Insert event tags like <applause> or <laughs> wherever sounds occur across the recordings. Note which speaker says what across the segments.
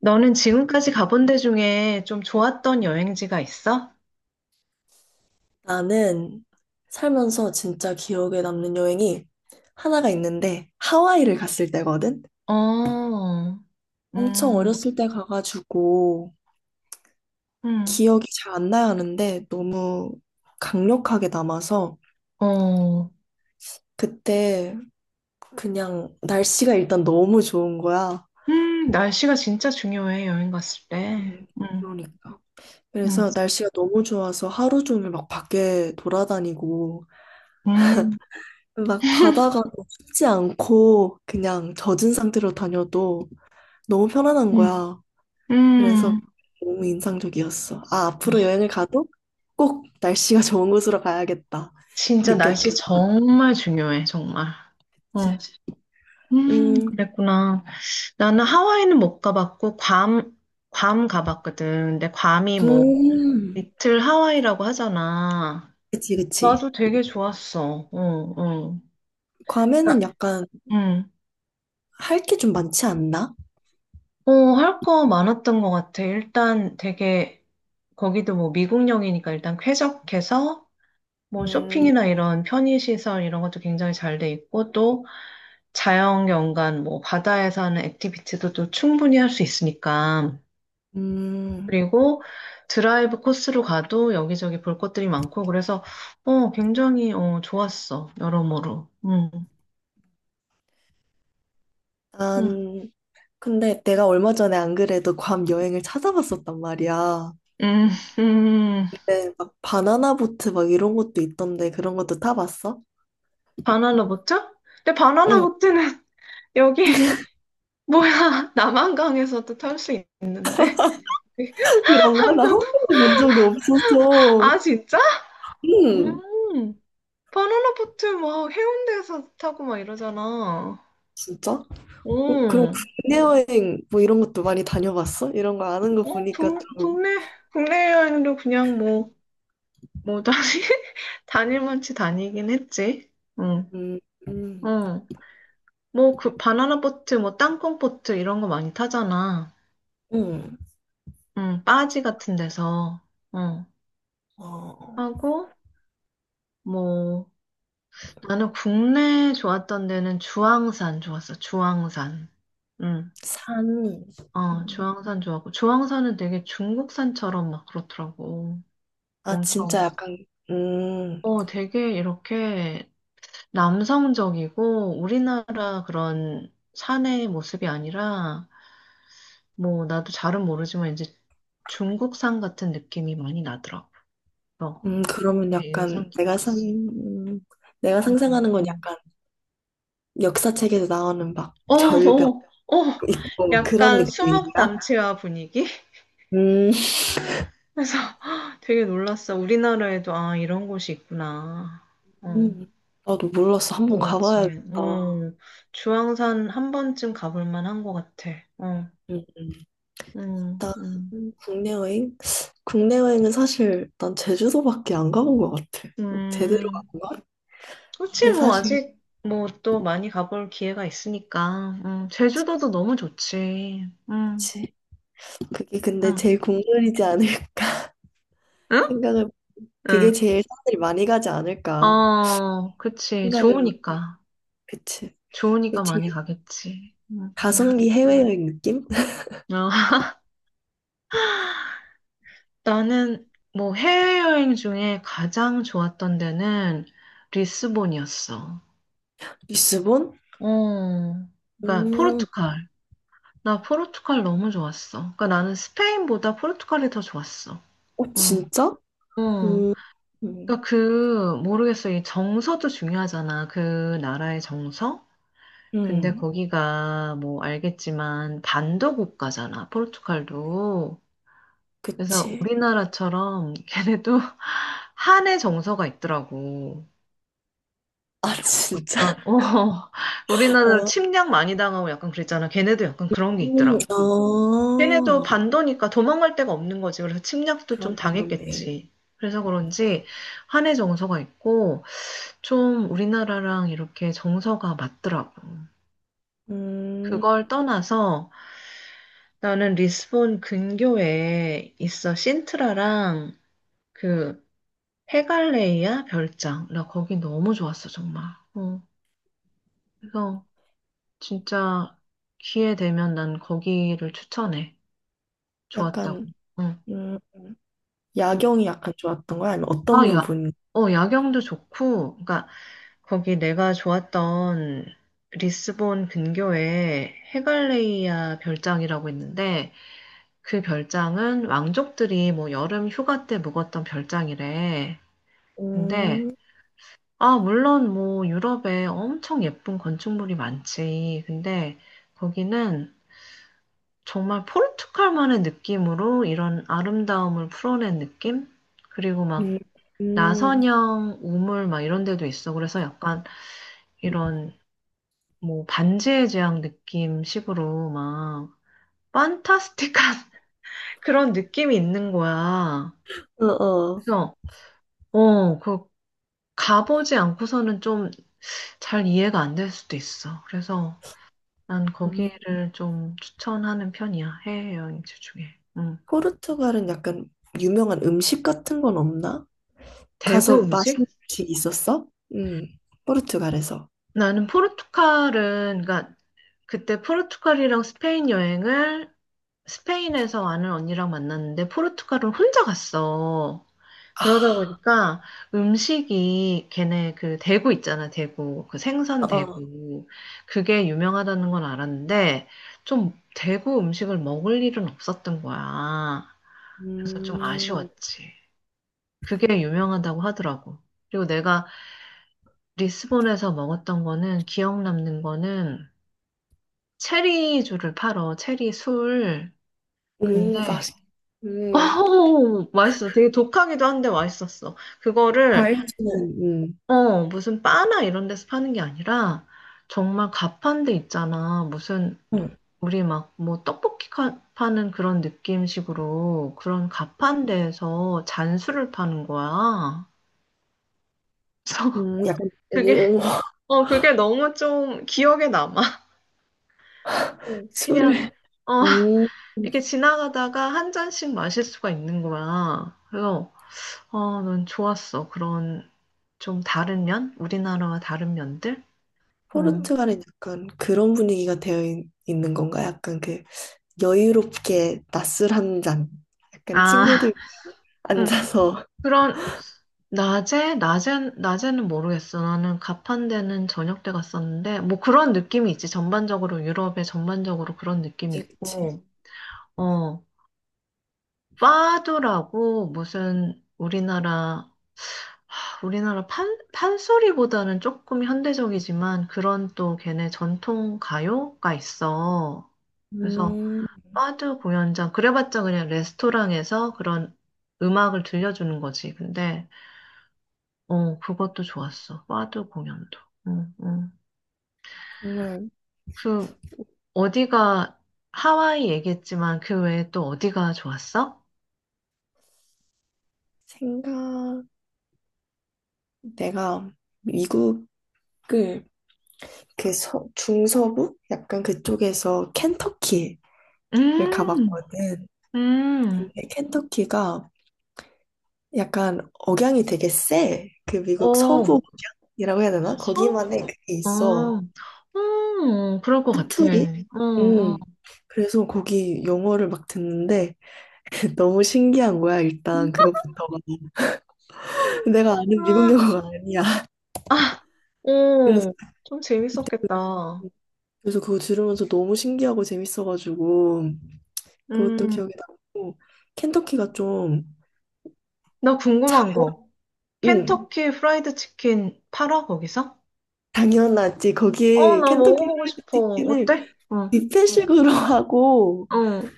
Speaker 1: 너는 지금까지 가본 데 중에 좀 좋았던 여행지가 있어?
Speaker 2: 나는 살면서 진짜 기억에 남는 여행이 하나가 있는데 하와이를 갔을 때거든.
Speaker 1: 어,
Speaker 2: 엄청
Speaker 1: 음,
Speaker 2: 어렸을 때 가가지고
Speaker 1: 음,
Speaker 2: 기억이 잘 안 나야 하는데 너무 강력하게 남아서
Speaker 1: 어,
Speaker 2: 그때 그냥 날씨가 일단 너무 좋은 거야.
Speaker 1: 날씨가 진짜 중요해, 여행 갔을 때.
Speaker 2: 음, 그러니까.
Speaker 1: 음,
Speaker 2: 그래서 날씨가 너무 좋아서 하루 종일 막 밖에 돌아다니고
Speaker 1: 음,
Speaker 2: 막 바다가
Speaker 1: <laughs>
Speaker 2: 춥지 않고 그냥 젖은 상태로 다녀도 너무 편안한
Speaker 1: 음,
Speaker 2: 거야. 그래서
Speaker 1: 음.
Speaker 2: 너무 인상적이었어. 아, 앞으로 여행을 가도 꼭 날씨가 <laughs> 좋은 곳으로 가야겠다.
Speaker 1: 진짜
Speaker 2: 느꼈던
Speaker 1: 날씨 정말 중요해, 정말. 어,
Speaker 2: 거지. 음,
Speaker 1: 그랬구나. 나는 하와이는 못 가봤고, 괌, 괌 가봤거든. 근데 괌이 뭐,
Speaker 2: 음,
Speaker 1: 리틀 하와이라고 하잖아.
Speaker 2: 그치, 그치.
Speaker 1: 나도 되게 좋았어. 응, 응.
Speaker 2: 괌에는
Speaker 1: 그러니까,
Speaker 2: 약간
Speaker 1: 응.
Speaker 2: 할 게 좀 많지 않나?
Speaker 1: 어, 할 거 많았던 것 같아. 일단 되게, 거기도 뭐 미국령이니까 일단 쾌적해서, 뭐
Speaker 2: 음,
Speaker 1: 쇼핑이나 이런 편의시설 이런 것도 굉장히 잘 돼 있고, 또 자연 경관, 뭐 바다에서 하는 액티비티도 또 충분히 할 수 있으니까.
Speaker 2: 음,
Speaker 1: 그리고 드라이브 코스로 가도 여기저기 볼 것들이 많고, 그래서, 어, 굉장히, 어, 좋았어. 여러모로. 응, 응,
Speaker 2: 난, 근데 내가 얼마 전에 안 그래도 괌 여행을 찾아봤었단 말이야.
Speaker 1: 응, 응.
Speaker 2: 근데 막 바나나 보트 막 이런 것도 있던데 그런 것도 타봤어?
Speaker 1: 바나나 보트? 근데 바나나
Speaker 2: 응.
Speaker 1: 보트는 <laughs> 여기 <laughs>
Speaker 2: <laughs>
Speaker 1: 뭐야, 남한강에서도 탈 수 있는데. <laughs>
Speaker 2: 이런 말 나 한
Speaker 1: 한국.
Speaker 2: 번도 본 적이 없어서.
Speaker 1: 아, 진짜?
Speaker 2: 응,
Speaker 1: 음, 바나나 보트 막 해운대에서 타고 막 이러잖아.
Speaker 2: 진짜? 어, 그럼
Speaker 1: 음,
Speaker 2: 국내 여행 뭐 이런 것도 많이 다녀봤어? 이런 거 아는 거
Speaker 1: 어
Speaker 2: 보니까
Speaker 1: 국,
Speaker 2: 좀,
Speaker 1: 국내 국내 여행도 그냥 뭐 뭐 다니 <laughs> 다닐 만치 다니긴 했지. 응,
Speaker 2: 음, 음,
Speaker 1: 응. 뭐 그 바나나 보트 뭐 땅콩 보트 이런 거 많이 타잖아.
Speaker 2: 음,
Speaker 1: 응, 빠지 같은 데서. 응.
Speaker 2: 어,
Speaker 1: 하고. 뭐, 나는 국내 좋았던 데는 주황산 좋았어, 주황산. 응,
Speaker 2: 산,
Speaker 1: 어,
Speaker 2: 음,
Speaker 1: 주황산 좋았고, 주황산은 되게 중국산처럼 막 그렇더라고.
Speaker 2: 아, 진짜
Speaker 1: 엄청,
Speaker 2: 약간, 음,
Speaker 1: 어, 되게 이렇게 남성적이고, 우리나라 그런 산의 모습이 아니라, 뭐, 나도 잘은 모르지만, 이제 중국산 같은 느낌이 많이 나더라고. 어,
Speaker 2: 그러면
Speaker 1: 되게 인상
Speaker 2: 약간 내가 상,
Speaker 1: 깊었어.
Speaker 2: 내가
Speaker 1: 음,
Speaker 2: 상상하는 건
Speaker 1: 음.
Speaker 2: 약간 역사책에서 나오는 막
Speaker 1: 어,
Speaker 2: 절벽
Speaker 1: 어, 어,
Speaker 2: 있고 막 그런
Speaker 1: 약간 수묵
Speaker 2: 느낌인가?
Speaker 1: 담채화 분위기?
Speaker 2: 음,
Speaker 1: 그래서 <laughs> 되게 놀랐어. 우리나라에도 아, 이런 곳이 있구나. 어,
Speaker 2: 음, 나도 몰랐어. 한 번
Speaker 1: 그렇지.
Speaker 2: 가봐야겠다.
Speaker 1: 어, 주황산 한 번쯤 가볼 만한 것 같아. 어,
Speaker 2: 음, 음.
Speaker 1: 음,
Speaker 2: 일단
Speaker 1: 음,
Speaker 2: 국내 여행? 국내 여행은 사실 난 제주도밖에 안 가본 것 같아. 어, 제대로
Speaker 1: 음.
Speaker 2: 안 가?
Speaker 1: 그렇지
Speaker 2: 근데
Speaker 1: 뭐,
Speaker 2: 사실
Speaker 1: 아직 뭐 또 많이 가볼 기회가 있으니까. 제주도도 너무 좋지.
Speaker 2: 그치. 그게 근데 제일
Speaker 1: 음.
Speaker 2: 국룰이지 않을까 <laughs>
Speaker 1: 응?
Speaker 2: 생각을 그게
Speaker 1: 응.
Speaker 2: 제일 사람들이 많이 가지 않을까
Speaker 1: 어, 그치.
Speaker 2: 생각을 못-
Speaker 1: 좋으니까.
Speaker 2: 그치. 그게
Speaker 1: 좋으니까 많이
Speaker 2: 제일
Speaker 1: 가겠지. 응, 응.
Speaker 2: 가성비 해외여행 느낌? <laughs>
Speaker 1: 어. 나는 뭐 해외여행 중에 가장 좋았던 데는 리스본이었어.
Speaker 2: 리스본?
Speaker 1: 어, 그러니까
Speaker 2: 음,
Speaker 1: 포르투갈. 나 포르투갈 너무 좋았어. 그러니까 나는 스페인보다 포르투갈이 더 좋았어.
Speaker 2: 어
Speaker 1: 응.
Speaker 2: 진짜?
Speaker 1: 응.
Speaker 2: 음, 음,
Speaker 1: 그러니까 그 모르겠어. 이 정서도 중요하잖아. 그 나라의 정서. 근데
Speaker 2: 음,
Speaker 1: 거기가 뭐 알겠지만 반도 국가잖아. 포르투갈도. 그래서
Speaker 2: 그치.
Speaker 1: 우리나라처럼 걔네도 <laughs> 한의 정서가 있더라고.
Speaker 2: 아
Speaker 1: 약간,
Speaker 2: 진짜?
Speaker 1: 어, <laughs>
Speaker 2: <laughs>
Speaker 1: 우리나라
Speaker 2: 어,
Speaker 1: 침략 많이 당하고 약간 그랬잖아. 걔네도 약간 그런 게 있더라고. 걔네도
Speaker 2: 아,
Speaker 1: 반도니까 도망갈 데가 없는 거지. 그래서 침략도 좀
Speaker 2: 그런데 그런데.
Speaker 1: 당했겠지. 그래서 그런지 한의 정서가 있고 좀 우리나라랑 이렇게 정서가 맞더라고.
Speaker 2: 음,
Speaker 1: 그걸 떠나서 나는 리스본 근교에 있어, 신트라랑 그 페갈레이아 별장. 나 거기 너무 좋았어, 정말. 어, 그래서 진짜 기회 되면 난 거기를 추천해. 좋았다고.
Speaker 2: 약간
Speaker 1: 응.
Speaker 2: 음.
Speaker 1: 응.
Speaker 2: 야경이 약간 좋았던 거야? 아니면 어떤
Speaker 1: 아, 야.
Speaker 2: 부분?
Speaker 1: 어, 야경도 좋고, 그러니까 거기 내가 좋았던 리스본 근교에 헤갈레이아 별장이라고 있는데, 그 별장은 왕족들이 뭐 여름 휴가 때 묵었던 별장이래. 근데,
Speaker 2: 음,
Speaker 1: 아, 물론 뭐 유럽에 엄청 예쁜 건축물이 많지. 근데 거기는 정말 포르투갈만의 느낌으로 이런 아름다움을 풀어낸 느낌? 그리고 막
Speaker 2: 음, 음,
Speaker 1: 나선형 우물 막 이런 데도 있어. 그래서 약간 이런 뭐 반지의 제왕 느낌 식으로 막 판타스틱한 <laughs> 그런 느낌이 있는 거야.
Speaker 2: 어, 어.
Speaker 1: 그래서 어, 그 가보지 않고서는 좀 잘 이해가 안 될 수도 있어. 그래서 난
Speaker 2: 음.
Speaker 1: 거기를 좀 추천하는 편이야. 해외여행지 중에. 음.
Speaker 2: 포르투갈은 약간 유명한 음식 같은 건 없나?
Speaker 1: 대구
Speaker 2: 가서 맛있는
Speaker 1: 음식?
Speaker 2: 음식 있었어? 음, 포르투갈에서.
Speaker 1: 나는 포르투갈은, 그러니까 그때 포르투갈이랑 스페인 여행을 스페인에서 아는 언니랑 만났는데 포르투갈은 혼자 갔어. 그러다
Speaker 2: 아,
Speaker 1: 보니까 음식이, 걔네 그 대구 있잖아, 대구. 그
Speaker 2: 어,
Speaker 1: 생선
Speaker 2: 어.
Speaker 1: 대구. 그게 유명하다는 건 알았는데 좀 대구 음식을 먹을 일은 없었던 거야. 그래서 좀
Speaker 2: 음.
Speaker 1: 아쉬웠지. 그게 유명하다고 하더라고. 그리고 내가 리스본에서 먹었던 거는, 기억 남는 거는 체리주를 팔어, 체리 술. 음.
Speaker 2: 오,
Speaker 1: 근데,
Speaker 2: 맛있,
Speaker 1: 어,
Speaker 2: 음,
Speaker 1: 맛있어. 되게 독하기도 한데 맛있었어. 그거를,
Speaker 2: 과일주는,
Speaker 1: 뭐, 어, 무슨 바나 이런 데서 파는 게 아니라, 정말 가판대 있잖아. 무슨,
Speaker 2: 음,
Speaker 1: 우리 막, 뭐, 떡볶이 카- 파는 그런 느낌식으로 그런 가판대에서 잔술을 파는 거야. 그래서
Speaker 2: 약간,
Speaker 1: 그게,
Speaker 2: 오, 오, <laughs>
Speaker 1: 어, 그게 너무 좀 기억에 남아. 어, 그냥,
Speaker 2: 술을.
Speaker 1: 어.
Speaker 2: 음.
Speaker 1: 이렇게 지나가다가 한 잔씩 마실 수가 있는 거야. 그래서 어, 난 좋았어. 그런 좀 다른 면? 우리나라와 다른 면들? 어.
Speaker 2: 포르투갈은 약간 그런 분위기가 되어 있, 는 건가? 약간 그 여유롭게 낮술 한 잔. 약간
Speaker 1: 아,
Speaker 2: 친구들
Speaker 1: <laughs> 응.
Speaker 2: 앉아서.
Speaker 1: 그런 낮에는 모르겠어. 나는 가판대는 저녁 때 갔었는데 뭐 그런 느낌이 있지. 전반적으로 유럽에 전반적으로 그런 느낌이
Speaker 2: 그치, 그치.
Speaker 1: 있고, 어, 파도라고 무슨 우리나라 판소리보다는 조금 현대적이지만 그런 또 걔네 전통 가요가 있어. 그래서
Speaker 2: 음,
Speaker 1: 파드 공연장, 그래봤자 그냥 레스토랑에서 그런 음악을 들려주는 거지. 근데, 어, 그것도 좋았어. 파드 공연도. 응, 응.
Speaker 2: 정말
Speaker 1: 그, 어디가, 하와이 얘기했지만 그 외에 또 어디가 좋았어?
Speaker 2: 생각, 내가 미국을 그 서, 중서부? 약간 그쪽에서 켄터키를
Speaker 1: 음,
Speaker 2: 가봤거든.
Speaker 1: 음,
Speaker 2: 근데 켄터키가 약간 억양이 되게 세. 그 미국
Speaker 1: 어,
Speaker 2: 서부 억양이라고 해야
Speaker 1: 아,
Speaker 2: 되나?
Speaker 1: 섬?
Speaker 2: 거기만의 그게 있어.
Speaker 1: 어, 그럴 것 같아.
Speaker 2: 사투리?
Speaker 1: 어, 어.
Speaker 2: 음, 그래서 거기 영어를 막 듣는데 <laughs> 너무 신기한 거야, 일단 그것부터가. <laughs> 내가 아는 미국
Speaker 1: 아,
Speaker 2: 영화가 아니야. <laughs>
Speaker 1: 아,
Speaker 2: 그래서
Speaker 1: 오, 좀 재밌었겠다.
Speaker 2: 그래서 그거 들으면서 너무 신기하고 재밌어가지고 그것도
Speaker 1: 음,
Speaker 2: 기억에 남고 켄터키가 좀
Speaker 1: 나 궁금한 거. 음.
Speaker 2: 응,
Speaker 1: 켄터키 프라이드 치킨 팔아, 거기서?
Speaker 2: 당연하지.
Speaker 1: 어,
Speaker 2: 거기
Speaker 1: 나
Speaker 2: 켄터키
Speaker 1: 먹어보고
Speaker 2: 프라이드
Speaker 1: 싶어.
Speaker 2: 치킨을
Speaker 1: 어때? 어,
Speaker 2: 뷔페식으로 <laughs> 하고
Speaker 1: 어.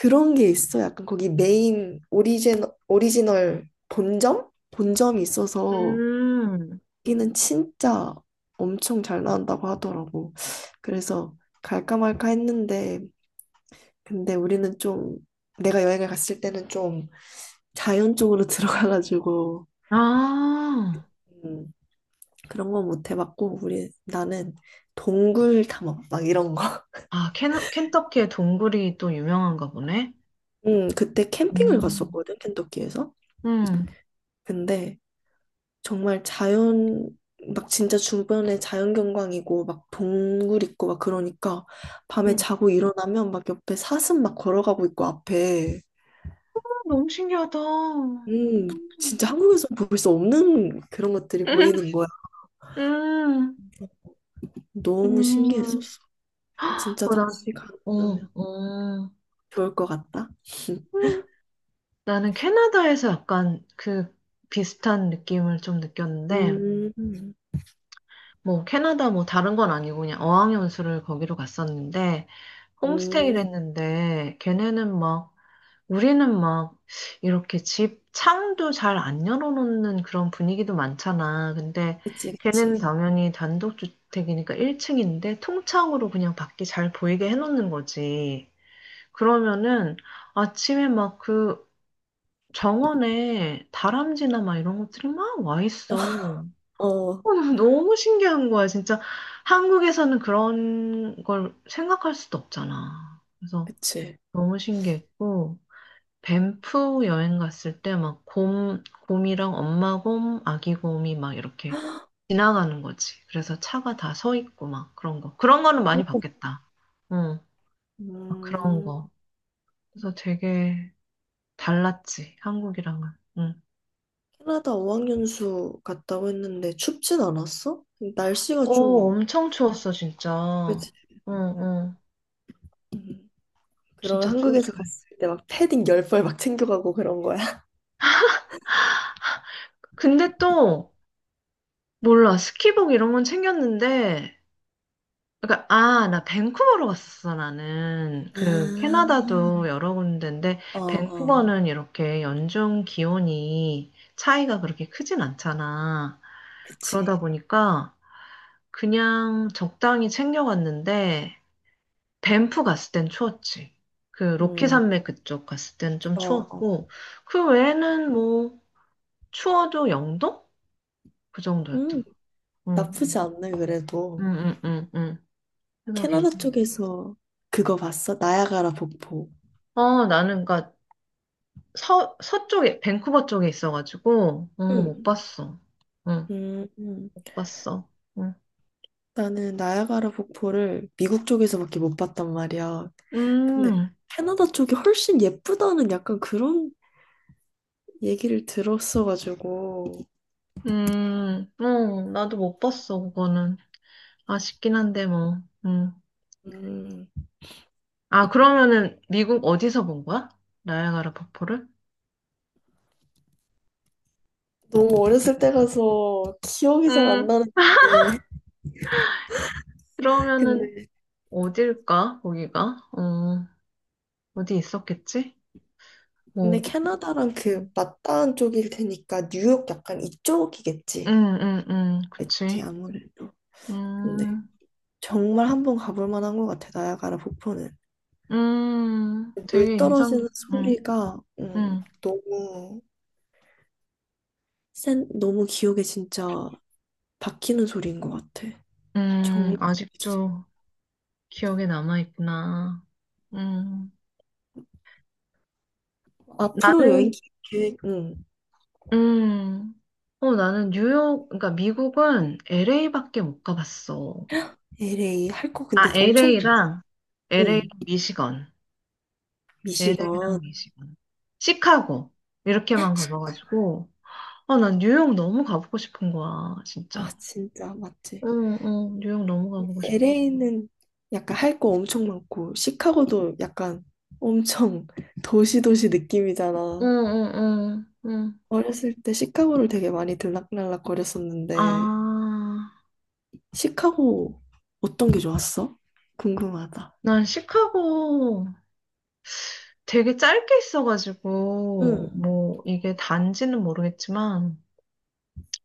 Speaker 2: 그런 게 있어. 약간 거기 메인 오리지널 본점? 본점이 있어서
Speaker 1: 음,
Speaker 2: 여기는 진짜 엄청 잘 나온다고 하더라고. 그래서 갈까 말까 했는데, 근데 우리는 좀, 내가 여행을 갔을 때는 좀 자연 쪽으로 <laughs> 들어가가지고,
Speaker 1: 아,
Speaker 2: 음, 그런 건 못 해봤고, 우리, 나는 동굴 탐험, 막 이런 거.
Speaker 1: 아, 켄, 켄터키의 동굴이 또 유명한가 보네?
Speaker 2: 그때 캠핑을
Speaker 1: 음,
Speaker 2: 갔었거든, 켄터키에서.
Speaker 1: 음.
Speaker 2: 근데 정말 자연 막 진짜 주변에 자연 경관이고 막 동굴 있고 막 그러니까 밤에
Speaker 1: 음.
Speaker 2: 자고 일어나면 막 옆에 사슴 막 걸어가고 있고 앞에
Speaker 1: 어, 너무 신기하다.
Speaker 2: 음 진짜 한국에서 볼 수 없는 그런 것들이 보이는
Speaker 1: <laughs>
Speaker 2: 거야.
Speaker 1: 음,
Speaker 2: 너무
Speaker 1: 음,
Speaker 2: 신기했었어. 진짜
Speaker 1: 어, 나,
Speaker 2: 다시
Speaker 1: 어,
Speaker 2: 가면
Speaker 1: 어.
Speaker 2: 좋을 것 같다.
Speaker 1: 나는 캐나다에서 약간 그 비슷한 느낌을 좀 느꼈는데,
Speaker 2: 음,
Speaker 1: 뭐 캐나다 뭐 다른 건 아니고 그냥 어학연수를 거기로 갔었는데, 홈스테이를
Speaker 2: 음,
Speaker 1: 했는데, 걔네는 막, 우리는 막 이렇게 집 창도 잘 안 열어놓는 그런 분위기도 많잖아. 근데
Speaker 2: 그치,
Speaker 1: 걔네는
Speaker 2: 그치.
Speaker 1: 당연히 단독주택이니까 1층인데 통창으로 그냥 밖이 잘 보이게 해놓는 거지. 그러면은 아침에 막그 정원에 다람쥐나 막 이런 것들이 막 와 있어.
Speaker 2: 어,
Speaker 1: 어, 너무 신기한 거야, 진짜. 한국에서는 그런 걸 생각할 수도 없잖아. 그래서
Speaker 2: 그치.
Speaker 1: 너무 신기했고, 밴프 여행 갔을 때 막 곰이랑 엄마 곰, 아기 곰이 막 이렇게 지나가는 거지. 그래서 차가 다 서 있고 막 그런 거. 그런 거는 많이
Speaker 2: 오.
Speaker 1: 봤겠다. 응, 막 그런
Speaker 2: 음,
Speaker 1: 거. 그래서 되게 달랐지, 한국이랑은. 응.
Speaker 2: 캐나다 어학연수 갔다고 했는데 춥진 않았어? 날씨가
Speaker 1: 어,
Speaker 2: 좀
Speaker 1: 엄청 추웠어, 진짜.
Speaker 2: 그치.
Speaker 1: 응, 응.
Speaker 2: 음. 그러면
Speaker 1: 진짜
Speaker 2: 한국에서
Speaker 1: 추웠어.
Speaker 2: 갔을 때 막 패딩 열벌 막 챙겨가고 그런 거야.
Speaker 1: 근데 또, 몰라. 스키복 이런 건 챙겼는데, 그러니까, 아, 나 밴쿠버로 갔었어, 나는. 그, 캐나다도
Speaker 2: <laughs>
Speaker 1: 여러 군데인데,
Speaker 2: 아, 어, 어,
Speaker 1: 밴쿠버는 이렇게 연중 기온이 차이가 그렇게 크진 않잖아.
Speaker 2: 그치.
Speaker 1: 그러다 보니까, 그냥 적당히 챙겨갔는데, 밴프 갔을 땐 추웠지. 그 로키
Speaker 2: 음,
Speaker 1: 산맥 그쪽 갔을 땐 좀
Speaker 2: 어, 어.
Speaker 1: 추웠고, 그 외에는 뭐 추워도 영도? 그
Speaker 2: 음,
Speaker 1: 정도였던 거.
Speaker 2: 나쁘지
Speaker 1: 응,
Speaker 2: 않네,
Speaker 1: 응,
Speaker 2: 그래도.
Speaker 1: 응, 응, 응. 그래서
Speaker 2: 캐나다
Speaker 1: 괜찮아.
Speaker 2: 쪽에서 그거 봤어? 나야가라 폭포.
Speaker 1: 어, 나는 그니까 서 서쪽에 밴쿠버 쪽에 있어가지고 어, 못
Speaker 2: 응
Speaker 1: 봤어. 응,
Speaker 2: 음, 음.
Speaker 1: 못 봤어. 응.
Speaker 2: 나는 나야가라 폭포를 미국 쪽에서밖에 못 봤단 말이야. 근데
Speaker 1: 음,
Speaker 2: 캐나다 쪽이 훨씬 예쁘다는 약간 그런 얘기를 들었어가지고.
Speaker 1: 어, 나도 못 봤어, 그거는. 아쉽긴 한데, 뭐. 음.
Speaker 2: 음,
Speaker 1: 아, 그러면은 미국 어디서 본 거야? 나야가라 폭포를?
Speaker 2: 너무 어렸을 때 가서 기억이 잘 안
Speaker 1: 음.
Speaker 2: 나는데. <laughs>
Speaker 1: 그러면은
Speaker 2: 근데,
Speaker 1: 어딜까? 거기가? 어, 어디 있었겠지?
Speaker 2: 근데
Speaker 1: 뭐,
Speaker 2: 캐나다랑 그
Speaker 1: 음,
Speaker 2: 맞닿은 쪽일 테니까 뉴욕 약간
Speaker 1: 음,
Speaker 2: 이쪽이겠지. 그치,
Speaker 1: 그치.
Speaker 2: 아무래도. 근데
Speaker 1: 음,
Speaker 2: 정말 한 번 가볼 만한 것 같아, 나야가라 폭포는. 물
Speaker 1: 되게 인상
Speaker 2: 떨어지는
Speaker 1: 깊,
Speaker 2: 소리가
Speaker 1: 음,
Speaker 2: 너무 센, 너무 기억에 진짜 박히는 소리인 것 같아. 정말 재밌어.
Speaker 1: 아직도 기억에 남아있구나. 음,
Speaker 2: 앞으로 여행
Speaker 1: 나는,
Speaker 2: 계획, 응,
Speaker 1: 음, 어, 나는 뉴욕, 그러니까 미국은 LA밖에 못 가봤어.
Speaker 2: LA 할 거 근데
Speaker 1: 아,
Speaker 2: 엄청 많아.
Speaker 1: LA랑
Speaker 2: 응,
Speaker 1: 미시건.
Speaker 2: 미시건.
Speaker 1: LA랑 미시 시카고. 이렇게만 가봐가지고. 아, 난 뉴욕 너무 가보고 싶은 거야,
Speaker 2: 아,
Speaker 1: 진짜.
Speaker 2: 진짜 맞지.
Speaker 1: 응, 응, 뉴욕 너무 가보고 싶어.
Speaker 2: LA는 약간 할 거 엄청 많고, 시카고도 약간 엄청 <laughs> 도시도시
Speaker 1: 응,
Speaker 2: 느낌이잖아.
Speaker 1: 응, 응, 응.
Speaker 2: 어렸을 때 시카고를 되게 많이 들락날락
Speaker 1: 아,
Speaker 2: 거렸었는데, 시카고 어떤 게 좋았어? 궁금하다.
Speaker 1: 난 시카고 되게 짧게 있어가지고,
Speaker 2: 응.
Speaker 1: 뭐, 이게 단지는 모르겠지만,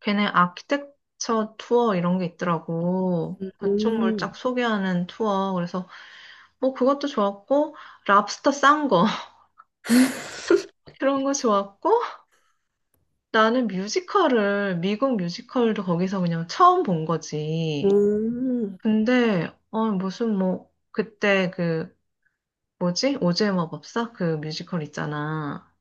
Speaker 1: 걔네 아키텍처 투어 이런 게 있더라고. 건축물
Speaker 2: 음,
Speaker 1: 쫙 소개하는 투어. 그래서, 뭐, 그것도 좋았고, 랍스터 싼 거, <laughs> 그런 거 좋았고, 나는 뮤지컬을, 미국 뮤지컬도 거기서 그냥 처음 본 거지.
Speaker 2: 음,
Speaker 1: 근데, 어, 무슨 뭐, 그때 그, 뭐지? 오즈의 마법사? 그 뮤지컬 있잖아.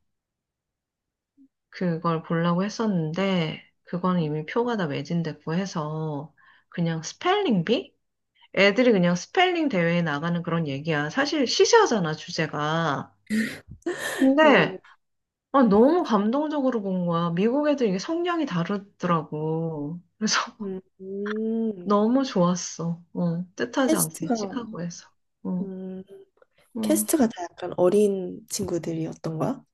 Speaker 1: 그걸 보려고 했었는데, 그거는 이미 표가 다 매진됐고 해서, 그냥 스펠링비? 애들이 그냥 스펠링 대회에 나가는 그런 얘기야. 사실 시시하잖아, 주제가.
Speaker 2: 음,
Speaker 1: 근데, 아, 너무 감동적으로 본 거야. 미국 애들 이게 성향이 다르더라고. 그래서
Speaker 2: 음, 음.
Speaker 1: 너무 좋았어. 어, 뜻하지 않게
Speaker 2: 캐스트가,
Speaker 1: 시카고에서. 어,
Speaker 2: 음,
Speaker 1: 음.
Speaker 2: 캐스트가 다 약간 어린 친구들이었던 거야?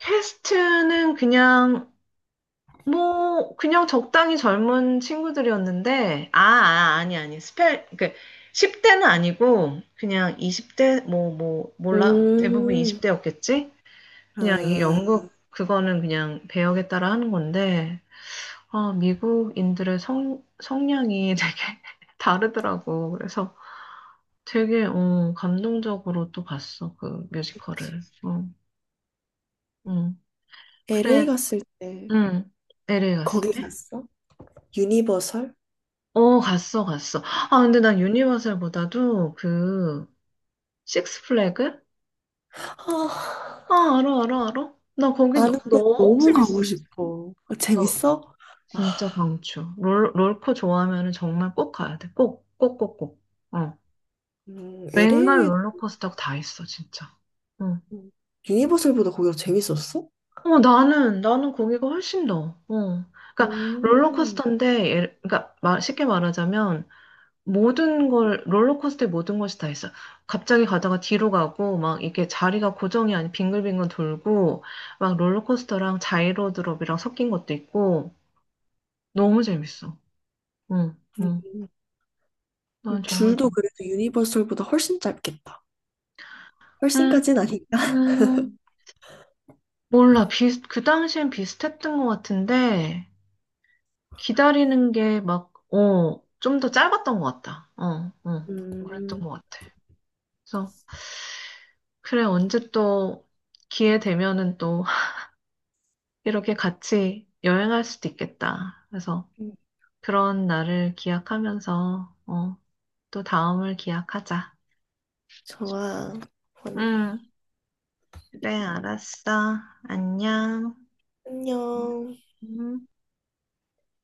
Speaker 1: 퀘스트는 그냥 뭐 그냥 적당히 젊은 친구들이었는데, 아니 스펠 그 10대는 아니고 그냥 20대 뭐 몰라, 대부분
Speaker 2: 음,
Speaker 1: 20대였겠지? 그냥 이
Speaker 2: 아,
Speaker 1: 영국 그거는 그냥 배역에 따라 하는 건데, 아, 미국인들의 성 성향이 <laughs> 되게 다르더라고. 그래서 되게 어, 감동적으로 또 봤어 그 뮤지컬을. 어, 응.
Speaker 2: LA
Speaker 1: 그래,
Speaker 2: 갔을 때
Speaker 1: 응. LA 갔을
Speaker 2: 거기
Speaker 1: 때?
Speaker 2: 갔어? 유니버설?
Speaker 1: 어, 갔어, 갔어. 아, 근데 난
Speaker 2: 음.
Speaker 1: 유니버설보다도 그 식스 플래그?
Speaker 2: 아,
Speaker 1: 아, 알아, 알아, 알아. 나 거기 너,
Speaker 2: 아는데
Speaker 1: 너무
Speaker 2: 너무 가고
Speaker 1: 재밌었어.
Speaker 2: 싶어. 아,
Speaker 1: 나
Speaker 2: 재밌어?
Speaker 1: 진짜 강추. 롤코 좋아하면 은 정말 꼭 가야 돼. 꼭, 꼭, 꼭, 꼭. 어. 웬걸
Speaker 2: LA
Speaker 1: 롤러코스터가 다 있어, 진짜. 어.
Speaker 2: 유니버설보다 거기가 재밌었어?
Speaker 1: 어, 나는, 나는 거기가 훨씬 더, 어. 그러니까,
Speaker 2: 음,
Speaker 1: 롤러코스터인데, 예를- 그러니까, 말- 쉽게 말하자면, 모든 걸, 롤러코스터에 모든 것이 다 있어. 갑자기 가다가 뒤로 가고, 막, 이게 자리가 고정이 아닌 빙글빙글 돌고, 막, 롤러코스터랑 자이로드롭이랑 섞인 것도 있고, 너무 재밌어. 응, 응.
Speaker 2: 음.
Speaker 1: 난 정말, 그-
Speaker 2: 줄도 그래도 유니버설보다 훨씬 짧겠다.
Speaker 1: 음,
Speaker 2: 훨씬까진 아닌가?
Speaker 1: 음, 몰라. 비슷, 그 당시엔 비슷했던 것 같은데, 기다리는 게 막, 어, 좀 더 짧았던 것 같다. 어, 어, 그랬던
Speaker 2: 음,
Speaker 1: 것 같아. 그래서, 그래, 언제 또 기회 되면은 또 <laughs> 이렇게 같이 여행할 수도 있겠다. 그래서 그런 날을 기약하면서, 어, 또 다음을 기약하자.
Speaker 2: 좋아. 음,
Speaker 1: 응, 그래, 알았어. 안녕.
Speaker 2: 안녕.
Speaker 1: 음.